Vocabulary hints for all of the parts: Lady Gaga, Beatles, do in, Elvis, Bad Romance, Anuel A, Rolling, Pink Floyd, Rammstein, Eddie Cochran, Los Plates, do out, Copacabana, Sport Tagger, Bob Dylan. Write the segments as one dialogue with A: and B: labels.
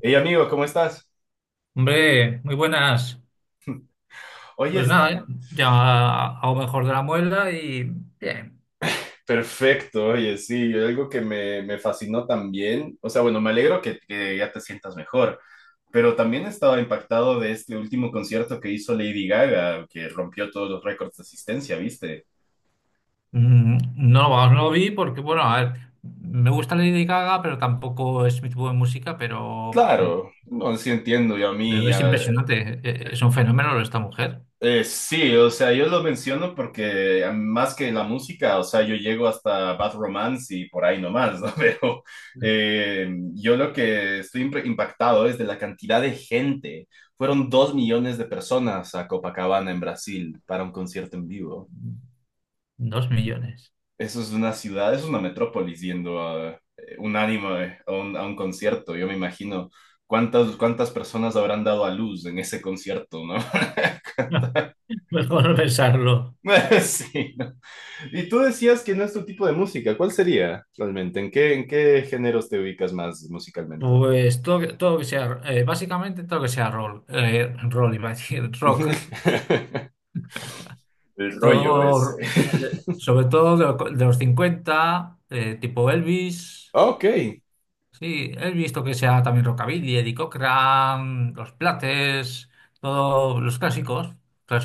A: Hey amigo, ¿cómo estás?
B: Hombre, muy buenas.
A: Oye,
B: Pues
A: es-
B: nada, ¿eh? Ya hago mejor de la muela y bien.
A: Perfecto, oye, sí, algo que me fascinó también, o sea, bueno, me alegro que ya te sientas mejor, pero también estaba impactado de este último concierto que hizo Lady Gaga, que rompió todos los récords de asistencia, ¿viste?
B: Mm, no, vamos, no lo vi porque, bueno, a ver, me gusta Lady Gaga, pero tampoco es mi tipo de música, pero, mm,
A: Claro, no, sí entiendo, yo a
B: pero
A: mí,
B: es
A: ah,
B: impresionante. Es un fenómeno lo de esta mujer.
A: Sí, o sea, yo lo menciono porque más que la música, o sea, yo llego hasta Bad Romance y por ahí nomás, ¿no? Pero eh, yo lo que estoy impactado es de la cantidad de gente. Fueron 2 millones de personas a Copacabana en Brasil para un concierto en vivo.
B: 2 millones.
A: Eso es una ciudad, es una metrópolis yendo a unánime a un concierto. Yo me imagino cuántas personas habrán dado a luz en ese concierto, ¿no?
B: Mejor no pensarlo.
A: Sí. ¿No? Y tú decías que no es tu tipo de música. ¿Cuál sería realmente? ¿En qué géneros te ubicas más musicalmente?
B: Pues todo, todo que sea, básicamente todo que sea roll, roll, iba a decir, rock.
A: El rollo
B: Todo,
A: ese.
B: sobre todo de, de los 50 tipo Elvis.
A: Ok.
B: Sí, he visto que sea también Rockabilly, Eddie Cochran, Los Plates, todos los clásicos,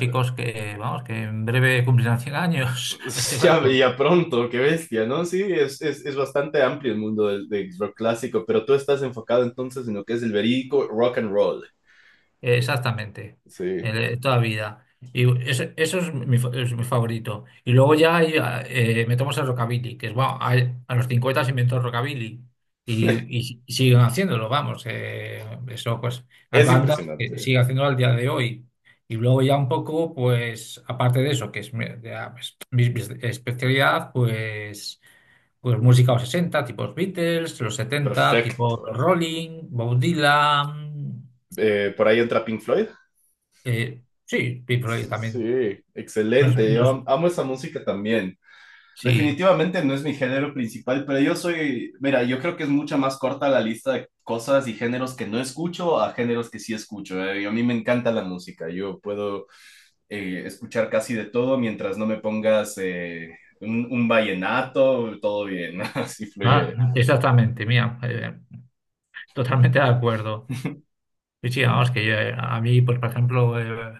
B: que, vamos, que en breve cumplirán 100 años, este
A: Ya,
B: paso.
A: ya pronto, qué bestia, ¿no? Sí, es bastante amplio el mundo del rock clásico, pero tú estás enfocado entonces en lo que es el verídico rock and roll.
B: Exactamente,
A: Sí,
B: toda vida. Y eso es mi favorito. Y luego ya hay, metemos el rockabilly, que es, bueno, a los 50 se inventó el rockabilly y siguen haciéndolo, vamos. Eso, pues, hay
A: es
B: bandas que
A: impresionante.
B: siguen haciéndolo al día de hoy. Y luego ya un poco, pues, aparte de eso, que es mi, ya, pues, mi especialidad, pues, pues música de los 60 tipo los Beatles, los 70 tipo los
A: Perfecto.
B: Rolling, Bob Dylan.
A: Por ahí entra Pink Floyd.
B: Sí, Pink
A: Sí,
B: Floyd
A: sí,
B: también. No es-
A: excelente.
B: no
A: Yo
B: es-
A: amo esa música también.
B: sí,
A: Definitivamente no es mi género principal, pero yo soy, mira, yo creo que es mucho más corta la lista de cosas y géneros que no escucho a géneros que sí escucho. A mí me encanta la música, yo puedo escuchar casi de todo mientras no me pongas un vallenato, todo bien, así
B: ah,
A: fluye.
B: exactamente, mira, totalmente de acuerdo. Sí, sí, vamos, que yo, a mí, pues, por ejemplo, eh,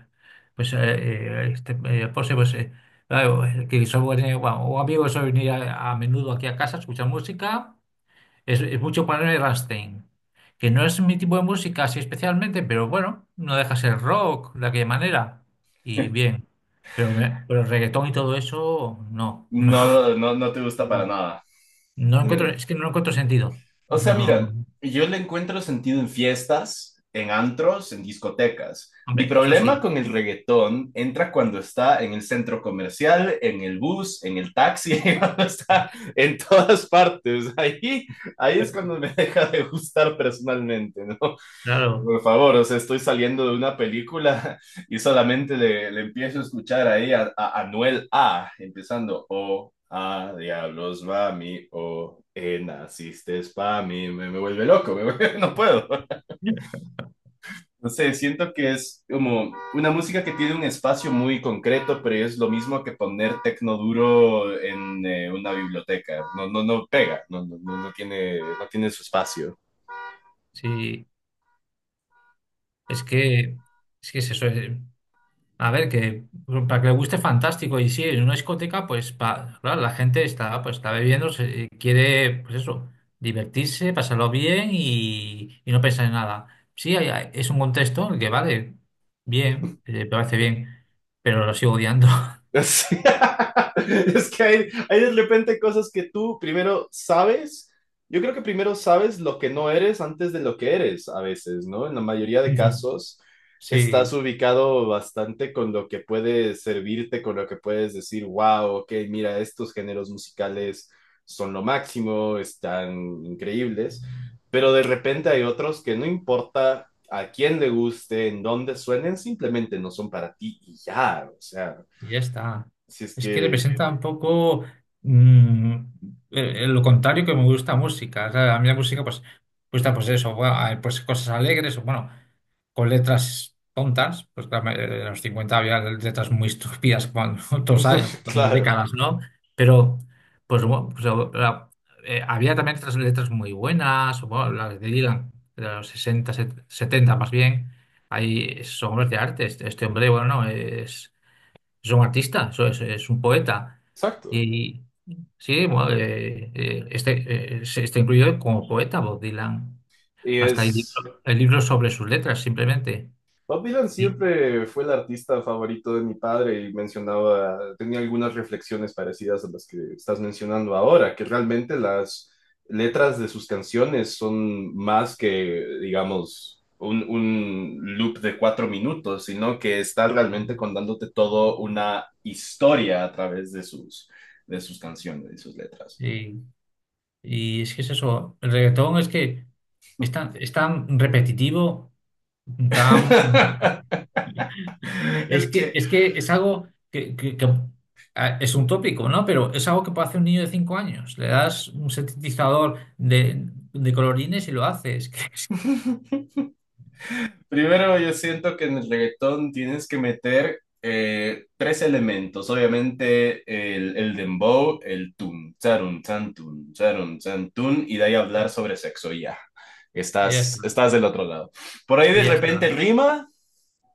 B: pues, eh, eh, este, José, pues, claro, que soy bueno, un amigo suele venir a menudo aquí a casa a escuchar música, es mucho ponerme Rammstein, que no es mi tipo de música así especialmente, pero bueno, no deja de ser rock de aquella manera, y bien, pero reggaetón y todo eso, no, no.
A: No, no, no te gusta para
B: No
A: nada.
B: encuentro,
A: Eh,
B: es que no encuentro sentido.
A: O sea,
B: No,
A: mira, yo le encuentro sentido en fiestas, en antros, en discotecas. Mi
B: hombre, eso
A: problema
B: sí,
A: con el reggaetón entra cuando está en el centro comercial, en el bus, en el taxi, cuando está en todas partes. Ahí, ahí es cuando me deja de gustar personalmente, ¿no?
B: claro.
A: Por favor, o sea, estoy saliendo de una película y solamente le empiezo a escuchar ahí a Anuel A, empezando, oh, ah, diablos, mami, oh, naciste pa' mí, me vuelve loco, no puedo. No sé, siento que es como una música que tiene un espacio muy concreto, pero es lo mismo que poner tecno duro en una biblioteca, no, no, no pega, no, no, no tiene su espacio.
B: Sí, es que, es que es eso. A ver, que para que le guste, fantástico. Y sí, en una discoteca, pues claro, la gente está, pues, está bebiendo, quiere, pues eso, divertirse, pasarlo bien y no pensar en nada. Sí, es un contexto en el que vale, bien, me parece bien, pero lo sigo odiando.
A: Sí. Es que hay de repente cosas que tú primero sabes. Yo creo que primero sabes lo que no eres antes de lo que eres a veces, ¿no? En la mayoría de casos
B: Sí.
A: estás ubicado bastante con lo que puede servirte, con lo que puedes decir, wow, ok, mira, estos géneros musicales son lo máximo, están increíbles, pero de repente hay otros que no importa a quién le guste, en dónde suenen, simplemente no son para ti y ya, o sea.
B: Y ya está.
A: Si es
B: Es que
A: que,
B: representa un poco mm, lo contrario que me gusta música. O sea, a mí la música, pues, gusta pues eso, pues cosas alegres, o bueno, con letras tontas. Pues claro, en los 50 había letras muy estúpidas cuando todos años, con las
A: claro,
B: décadas, ¿no? Pero, pues, bueno, pues, había también otras letras muy buenas, o bueno, las de Dylan, de los 60 70 más bien. Hay esos hombres de arte. Este hombre, bueno, no, es. Es un artista, eso es un poeta.
A: exacto.
B: Y sí, bueno, este, está incluido como poeta Bob Dylan.
A: Y
B: Hasta hay
A: es,
B: libro, hay libros sobre sus letras, simplemente.
A: Bob Dylan
B: Y,
A: siempre fue el artista favorito de mi padre y mencionaba, tenía algunas reflexiones parecidas a las que estás mencionando ahora, que realmente las letras de sus canciones son más que, digamos, un loop de 4 minutos, sino que está realmente contándote todo una historia a través de sus canciones y sus letras.
B: y- y es que es eso, el reggaetón es que es tan repetitivo. Tan- Es
A: Es
B: que,
A: que
B: es que es algo que, ah, es un tópico, ¿no? Pero es algo que puede hacer un niño de 5 años. Le das un sintetizador de colorines y lo haces.
A: primero, yo siento que en el reggaetón tienes que meter tres elementos. Obviamente, el dembow, el tun, charun, chan, y de ahí hablar sobre sexo y ya.
B: Y ya está.
A: Estás, estás del otro lado. Por ahí
B: Y
A: de
B: ya
A: repente
B: está.
A: rima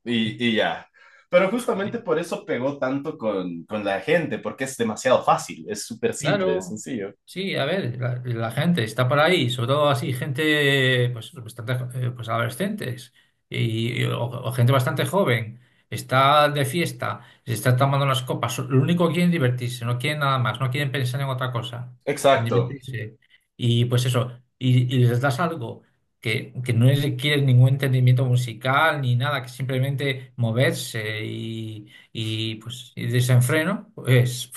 A: y ya. Pero justamente por eso pegó tanto con la gente, porque es demasiado fácil, es súper simple, es
B: Claro,
A: sencillo.
B: sí, a ver, la gente está por ahí, sobre todo así, gente, pues, bastante, pues adolescentes o gente bastante joven, está de fiesta, se está tomando unas copas, lo único que quieren es divertirse, no quieren nada más, no quieren pensar en otra cosa, en
A: Exacto.
B: divertirse. Y pues eso, y les das algo que no requiere ningún entendimiento musical ni nada, que simplemente moverse y pues y desenfreno, pues.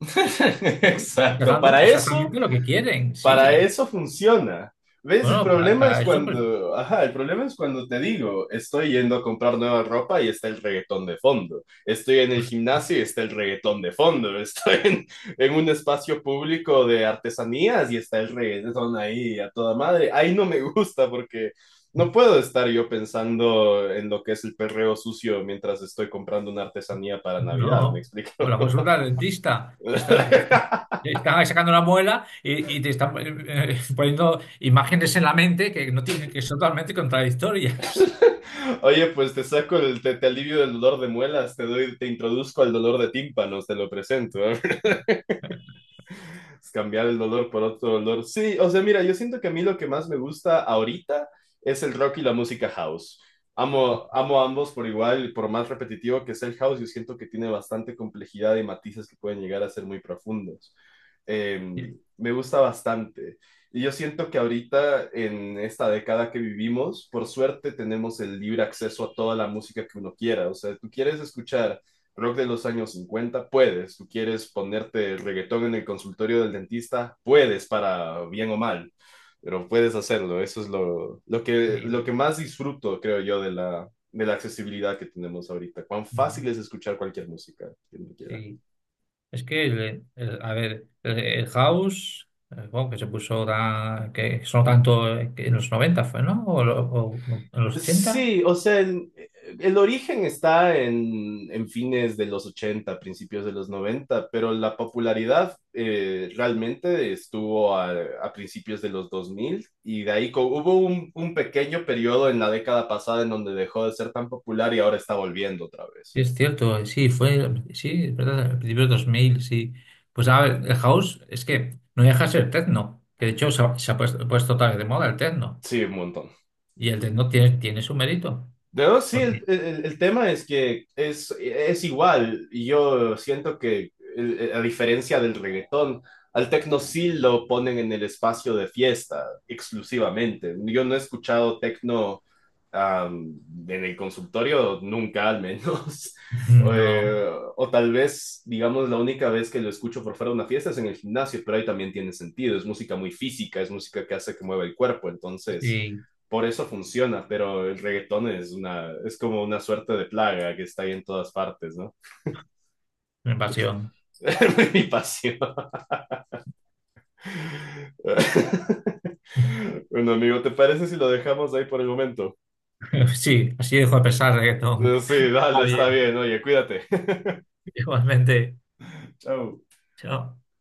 B: Estás
A: Exacto.
B: dando
A: Para eso.
B: exactamente lo que quieren,
A: Para
B: sí.
A: eso funciona. ¿Ves? El
B: Bueno, para,
A: problema
B: para
A: es
B: eso, pues,
A: cuando, ajá, el problema es cuando te digo, estoy yendo a comprar nueva ropa y está el reggaetón de fondo. Estoy en el gimnasio y está el reggaetón de fondo. Estoy en un espacio público de artesanías y está el reggaetón ahí a toda madre. Ahí no me gusta porque no puedo estar yo pensando en lo que es el perreo sucio mientras estoy comprando una artesanía para Navidad, ¿me
B: no. O
A: explico?
B: la consulta al dentista. Está, te están sacando una muela y te están poniendo imágenes en la mente que no tienen, que son totalmente contradictorias.
A: Oye, pues te saco el, te alivio del dolor de muelas, te doy, te introduzco al dolor de tímpanos, te lo presento. ¿Eh? Cambiar el dolor por otro dolor. Sí, o sea, mira, yo siento que a mí lo que más me gusta ahorita es el rock y la música house. Amo, amo ambos por igual, y por más repetitivo que sea el house, yo siento que tiene bastante complejidad y matices que pueden llegar a ser muy profundos. Eh,
B: Sí,
A: me gusta bastante. Y yo siento que ahorita, en esta década que vivimos, por suerte tenemos el libre acceso a toda la música que uno quiera. O sea, tú quieres escuchar rock de los años 50, puedes. Tú quieres ponerte reggaetón en el consultorio del dentista, puedes para bien o mal, pero puedes hacerlo. Eso es lo
B: sí,
A: que más disfruto, creo yo, de la accesibilidad que tenemos ahorita. Cuán fácil
B: mm,
A: es escuchar cualquier música, quien quiera.
B: sí. Es que, a ver, el House, bueno, que se puso tan, que sonó tanto que en los 90 fue, ¿no? O en los 80.
A: Sí, o sea, el origen está en fines de los 80, principios de los 90, pero la popularidad realmente estuvo a principios de los 2000 y de ahí hubo un pequeño periodo en la década pasada en donde dejó de ser tan popular y ahora está volviendo otra vez.
B: Es cierto, sí, fue, sí, es verdad, al principio de 2000 sí. Pues a ver, el house es que no deja de ser techno, que de hecho se ha puesto otra vez de moda el techno,
A: Sí, un montón.
B: y el techno tiene su mérito,
A: No, sí, el,
B: porque
A: el- el tema es que es igual. Y yo siento que, a diferencia del reggaetón, al tecno sí lo ponen en el espacio de fiesta exclusivamente. Yo no he escuchado tecno am, en el consultorio nunca, al menos. O,
B: no,
A: o tal vez, digamos, la única vez que lo escucho por fuera de una fiesta es en el gimnasio, pero ahí también tiene sentido. Es música muy física, es música que hace que mueva el cuerpo. Entonces
B: sí,
A: por eso funciona, pero el reggaetón es una, es como una suerte de plaga que está ahí en todas partes, ¿no?
B: mi pasión.
A: Mi pasión. Bueno, amigo, ¿te parece si lo dejamos ahí por el momento?
B: Sí, así dejo de pensar reggaetón.
A: Sí, dale,
B: Está
A: está
B: bien,
A: bien, oye, cuídate.
B: igualmente,
A: Chao.
B: chao.